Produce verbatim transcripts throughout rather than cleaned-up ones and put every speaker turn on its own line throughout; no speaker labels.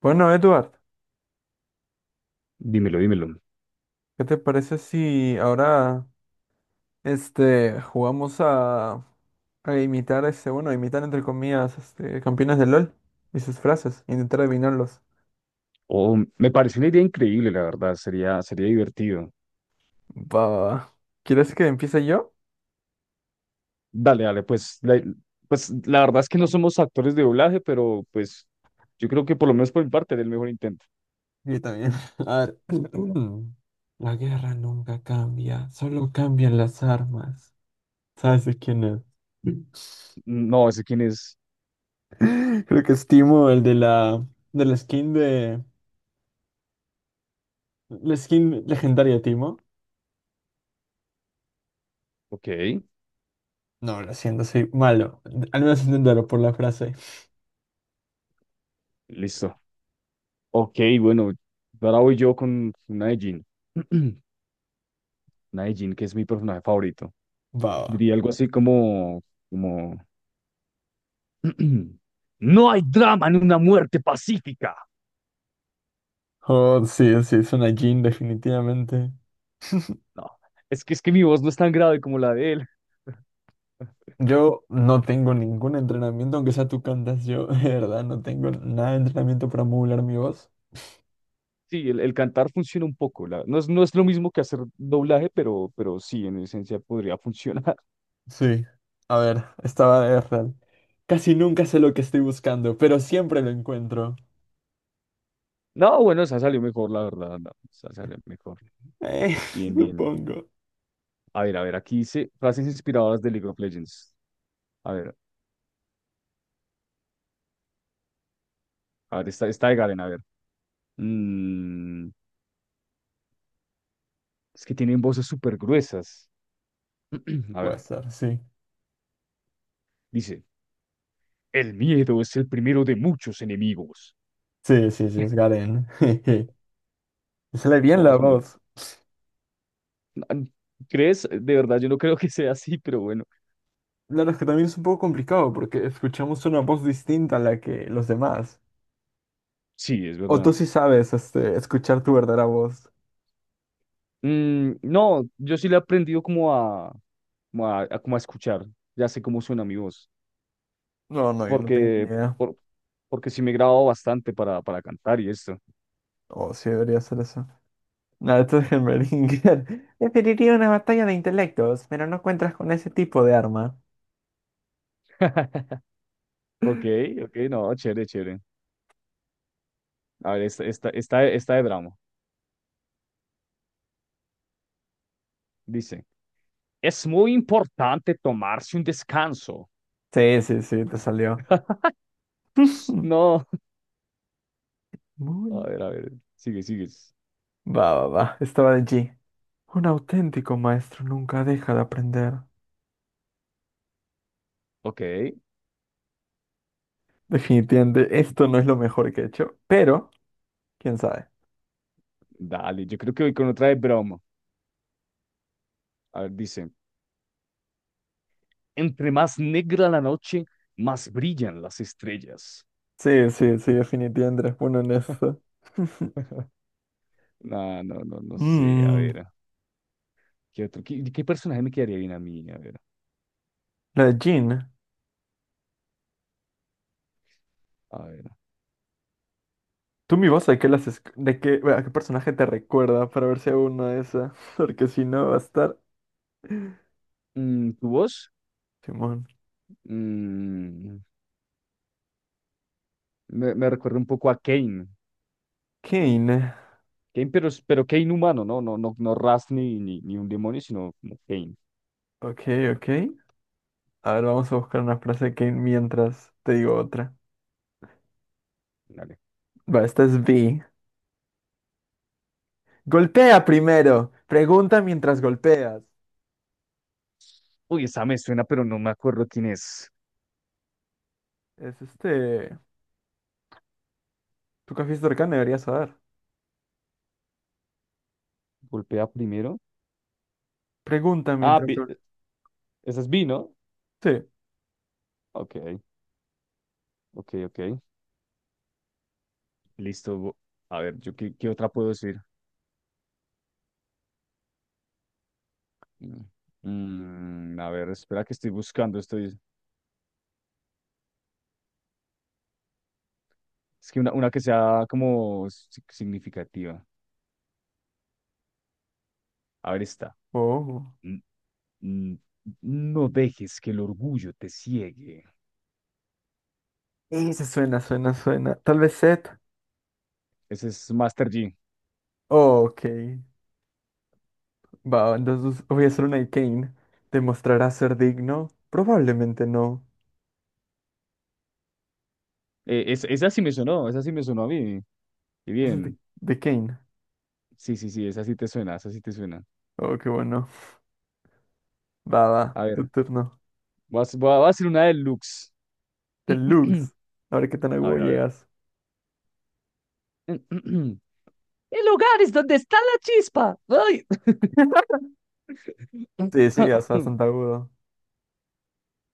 Bueno, Edward,
Dímelo, dímelo.
¿qué te parece si ahora este jugamos a, a imitar este, bueno, a imitar entre comillas, este, campeones de LOL y sus frases, intentar adivinarlos?
Oh, me parece una idea increíble, la verdad. Sería, sería divertido.
Va, va, va. ¿Quieres que empiece yo?
Dale, dale, pues la, pues la verdad es que no somos actores de doblaje, pero pues yo creo que por lo menos por mi parte era el mejor intento.
Yo también. A ver. La guerra nunca cambia, solo cambian las armas. ¿Sabes de quién es?
No, ese quién es.
Creo que es Timo, el de la, de la skin de... La skin legendaria, de Timo.
Ok,
No, lo siento, soy malo. Al menos intentarlo por la frase.
listo. Ok, bueno, ahora voy yo con una de Jean. Una de Jean, que es mi personaje favorito.
Baba.
Diría algo así como, como, no hay drama en una muerte pacífica.
Oh, sí, sí, es una jean, definitivamente.
No, es que es que mi voz no es tan grave como la de él.
Yo no tengo ningún entrenamiento, aunque sea tú cantas, yo de verdad no tengo nada de entrenamiento para modular mi voz.
Sí, el, el cantar funciona un poco. La- no es, no es lo mismo que hacer doblaje, pero, pero sí, en esencia podría funcionar.
Sí. A ver, estaba de real. Casi nunca sé lo que estoy buscando, pero siempre lo encuentro.
No, bueno, esa salió mejor, la verdad. No, esa salió mejor.
Eh,
Bien, bien.
supongo.
A ver, a ver, aquí dice frases inspiradoras de League of Legends. A ver, a ver, está, está de Garen, a ver. Mm, es que tienen voces súper gruesas. A
Puede
ver,
ser, sí.
dice, el miedo es el primero de muchos enemigos.
Sí, sí, sí, es Garen. Me sale bien
No,
la
es muy...
voz.
¿Crees? De verdad, yo no creo que sea así, pero bueno.
Claro, es que también es un poco complicado porque escuchamos una voz distinta a la que los demás.
Sí, es
O tú
verdad.
sí sabes, este, escuchar tu verdadera voz.
Mm, no, yo sí le he aprendido como a, como a, a- como a escuchar, ya sé cómo suena mi voz,
No, no, yo no tengo ni
porque,
idea.
por- porque sí me grabo bastante para, para cantar y esto.
O sí debería ser eso. Nada, esto es en Beringer. Preferiría una batalla de intelectos, pero no cuentas con ese tipo de arma.
Ok, ok, no, chévere, chévere. A ver, esta, esta, esta, esta de Bramo. Dice, es muy importante tomarse un descanso.
Sí, sí, sí, te salió.
Ps, no.
Muy.
a ver, a ver, sigue, sigue.
Va, va, va. Estaba de G. Un auténtico maestro nunca deja de aprender.
Ok,
Definitivamente, esto no es lo mejor que he hecho, pero quién sabe.
dale, yo creo que voy con otra de Bramo. A ver, dice, entre más negra la noche, más brillan las estrellas.
Sí, sí, sí, definitivamente eres bueno en eso.
No, no, no, no sé. A
Mm,
ver, ¿qué otro? ¿Qué, qué personaje me quedaría bien a mí? A ver,
la de Jean.
a ver.
Tú mi voz, ¿de qué las esc- de qué, bueno, ¿a qué personaje te recuerda para ver si hago una de esas? Porque si no va a estar.
Mm, ¿tu voz?
Simón.
Mm, me, me recuerda un poco a Kane.
Kane.
Kane, pero, es- pero Kane humano, ¿no? No, no, no Raz ni, ni, ni un demonio, sino como Kane.
Ok, ok. A ver, vamos a buscar una frase de Kane mientras te digo otra.
Dale.
Va, esta es B. Golpea primero. Pregunta mientras golpeas.
Uy, esa me suena, pero no me acuerdo quién es.
Es este. Tu café de debería deberías saber.
Golpea primero.
Pregunta
Ah,
mientras
Vi-
golpeas.
Esa es Vi, ¿no?
Sí.
Ok, ok, ok. Listo. bo- A ver, yo qué, qué otra puedo decir. Mm, mm, a ver, espera que estoy buscando, estoy. Es que una, una que sea como si- significativa. A ver, esta,
Oh.
N- n- no dejes que el orgullo te ciegue.
Ese suena, suena, suena. Tal vez Seth.
Ese es Master G.
Oh, ok. Va, entonces voy a hacer una de Kane. ¿Demostrará ser digno? Probablemente no.
Eh, es- esa sí me sonó, esa sí me sonó a mí. Y
Ese es de,
bien.
de Kane.
Sí, sí, sí, esa sí te suena, esa sí te suena.
Oh, qué bueno. Va, va.
A
Tu
ver,
turno.
voy a, hac- voy a voy a hacer una deluxe.
Deluxe. A ver qué tan
A
agudo
ver, a ver.
llegas.
El hogar es donde está la chispa. Ay.
Sí, sí, llegas bastante agudo.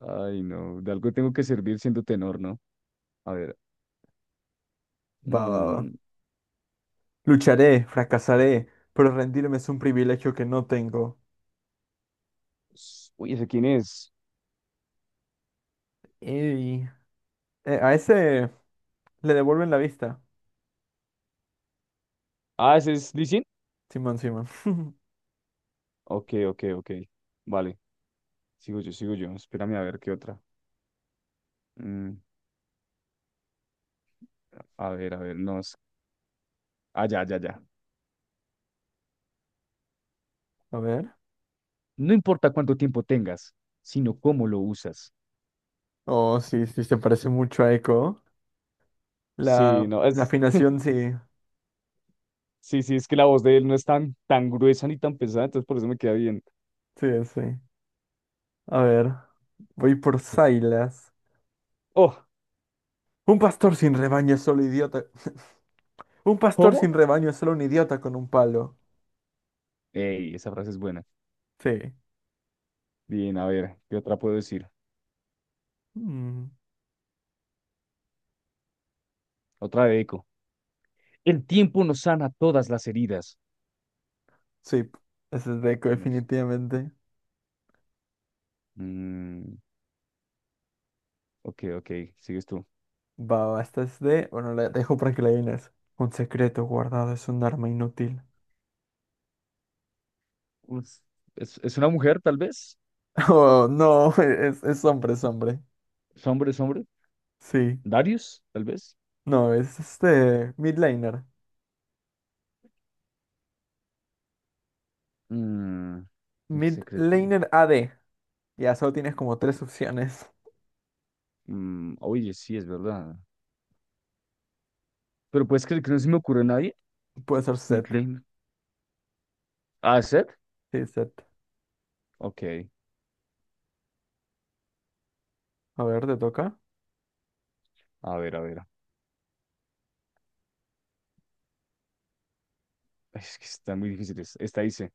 Ay, no, de algo tengo que servir siendo tenor, ¿no? A ver.
Va, va, va.
mm,
Lucharé, fracasaré, pero rendirme es un privilegio que no tengo.
s- Uy, ¿ese quién es?
Ey. Eh, a ese le devuelven la vista.
Ah, ¿ese es Lee Sin?
Simón, Simón.
Ok, ok, ok. Vale, sigo yo, sigo yo. Espérame a ver qué otra. Mm, a ver, a ver, no. es- Ah, ya, ya, ya.
A ver.
No importa cuánto tiempo tengas, sino cómo lo usas.
Oh, sí, sí, se parece mucho a Echo.
Sí,
La,
no,
la
es.
afinación sí,
Sí, sí, es que la voz de él no es tan, tan gruesa ni tan pesada, entonces por eso me queda bien.
sí, sí. A ver, voy por Silas.
Oh,
Un pastor sin rebaño es solo idiota. Un pastor
¿cómo?
sin rebaño es solo un idiota con un palo.
Ey, esa frase es buena.
Sí.
Bien, a ver, ¿qué otra puedo decir?
Mm,
Otra de Eco. El tiempo nos sana todas las heridas.
sí, ese es Deco,
Nos-
definitivamente.
Mm, ok, ok, sigues tú.
Va, va, esta es de. Bueno, la dejo para que la adivines. Un secreto guardado es un arma inútil.
Pues, es, es una mujer, tal vez.
Oh, no, es, es hombre, es hombre.
Es hombre, es hombre.
Sí.
Darius, tal vez.
No, es este. Midlaner.
Mm, un secreto.
Midlaner A D. Ya solo tienes como tres opciones.
Mm, oye, sí, es verdad. Pero puedes creer que no se me ocurre a nadie.
Puede ser Set.
Midlane. Ah, Seth.
Sí, Set.
Ok.
A ver, ¿te toca?
A ver, a ver. Ay, es que están muy difíciles. Esta dice.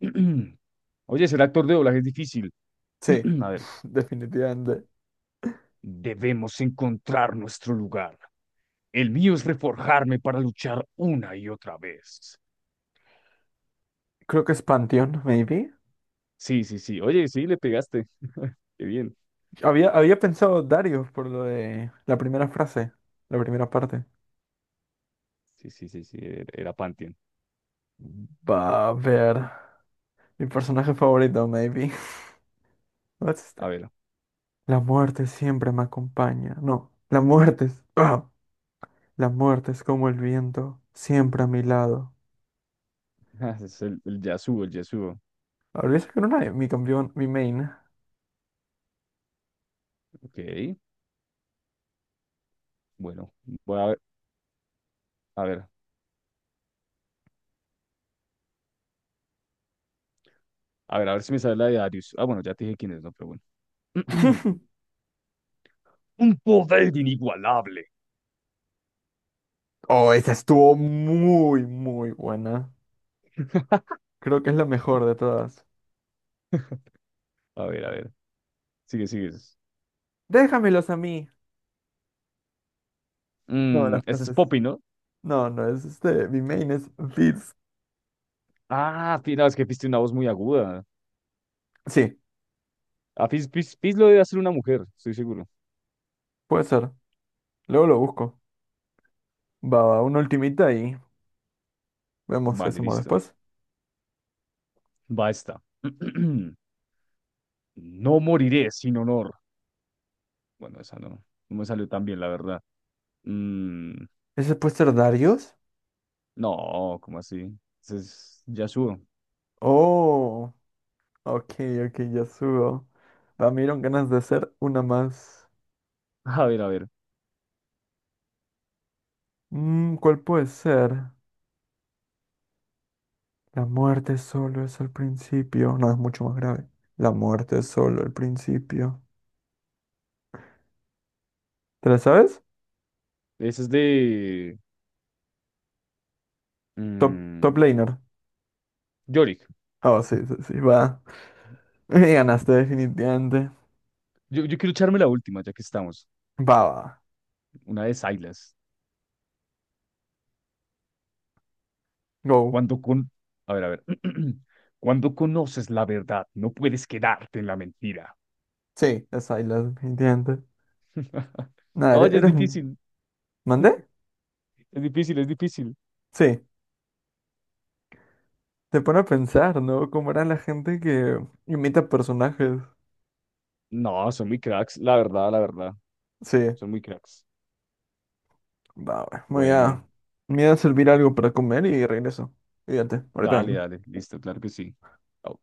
Oye, ser actor de doblaje es difícil.
Sí,
A ver.
definitivamente.
Debemos encontrar nuestro lugar. El mío es reforjarme para luchar una y otra vez.
Creo que es Panteón, maybe.
Sí, sí, sí. Oye, sí, le pegaste. Qué bien.
Había, había pensado Dario por lo de la primera frase, la primera parte.
Sí, sí, sí, sí, er- era Pantheon.
Va a ver. Mi personaje favorito, maybe. What's este?
A ver,
La muerte siempre me acompaña. No, la muerte es. ¡Ah! La muerte es como el viento, siempre a mi lado.
es el, el Yasuo, el Yasuo.
Habría que era una de mi campeón, mi main.
Ok, bueno, voy a ver, a ver, a ver, a ver si me sale la de Darius. Ah, bueno, ya te dije quién es, no, pero bueno. Un poder inigualable.
Oh, esa estuvo muy, muy buena. Creo que es la mejor de todas.
A ver, a ver, sigue, sigue.
Déjamelos a mí. No,
Mm,
las
ese es
frases.
Poppy, ¿no?
No, no, es este. Mi main es this.
Ah, Fizz, no, es que Fizz tiene una voz muy aguda.
Sí,
A Fizz, Fizz- Fizz lo debe hacer una mujer, estoy seguro.
puede ser. Luego lo busco. Va, va, una ultimita y vemos qué
Vale,
hacemos
listo.
después.
Va esta. No moriré sin honor. Bueno, esa no, no me salió tan bien, la verdad. Mm,
¿Ese puede ser Darius?
no, ¿cómo así? Ese es Yasuo.
Oh, ok, ok, ya subo. Va, me dieron ganas de hacer una más.
A ver, a ver.
Mm, ¿cuál puede ser? La muerte solo es el principio. No, es mucho más grave. La muerte es solo el principio. ¿Te la sabes?
Ese es de
Top, top
mm,
laner.
Yorick.
Ah, sí, sí, sí, va. Me ganaste definitivamente.
Yo, yo quiero echarme la última, ya que estamos.
Va, va.
Una de Sylas.
Go.
Cuando con... A ver, a ver. Cuando conoces la verdad, no puedes quedarte en la mentira.
Sí, es Isla, definitivamente. Nada, eres,
Oye, es
eres un-
difícil.
¿Mandé?
Es difícil, es difícil.
Sí. Te pone a pensar, ¿no? Cómo era la gente que imita personajes.
No, son muy cracks, la verdad, la verdad.
Sí.
Son muy cracks.
Va, va. Voy
Bueno,
a... Me voy a servir algo para comer y regreso. Fíjate, ahorita
dale,
vengo.
dale. Listo, claro que sí. Au.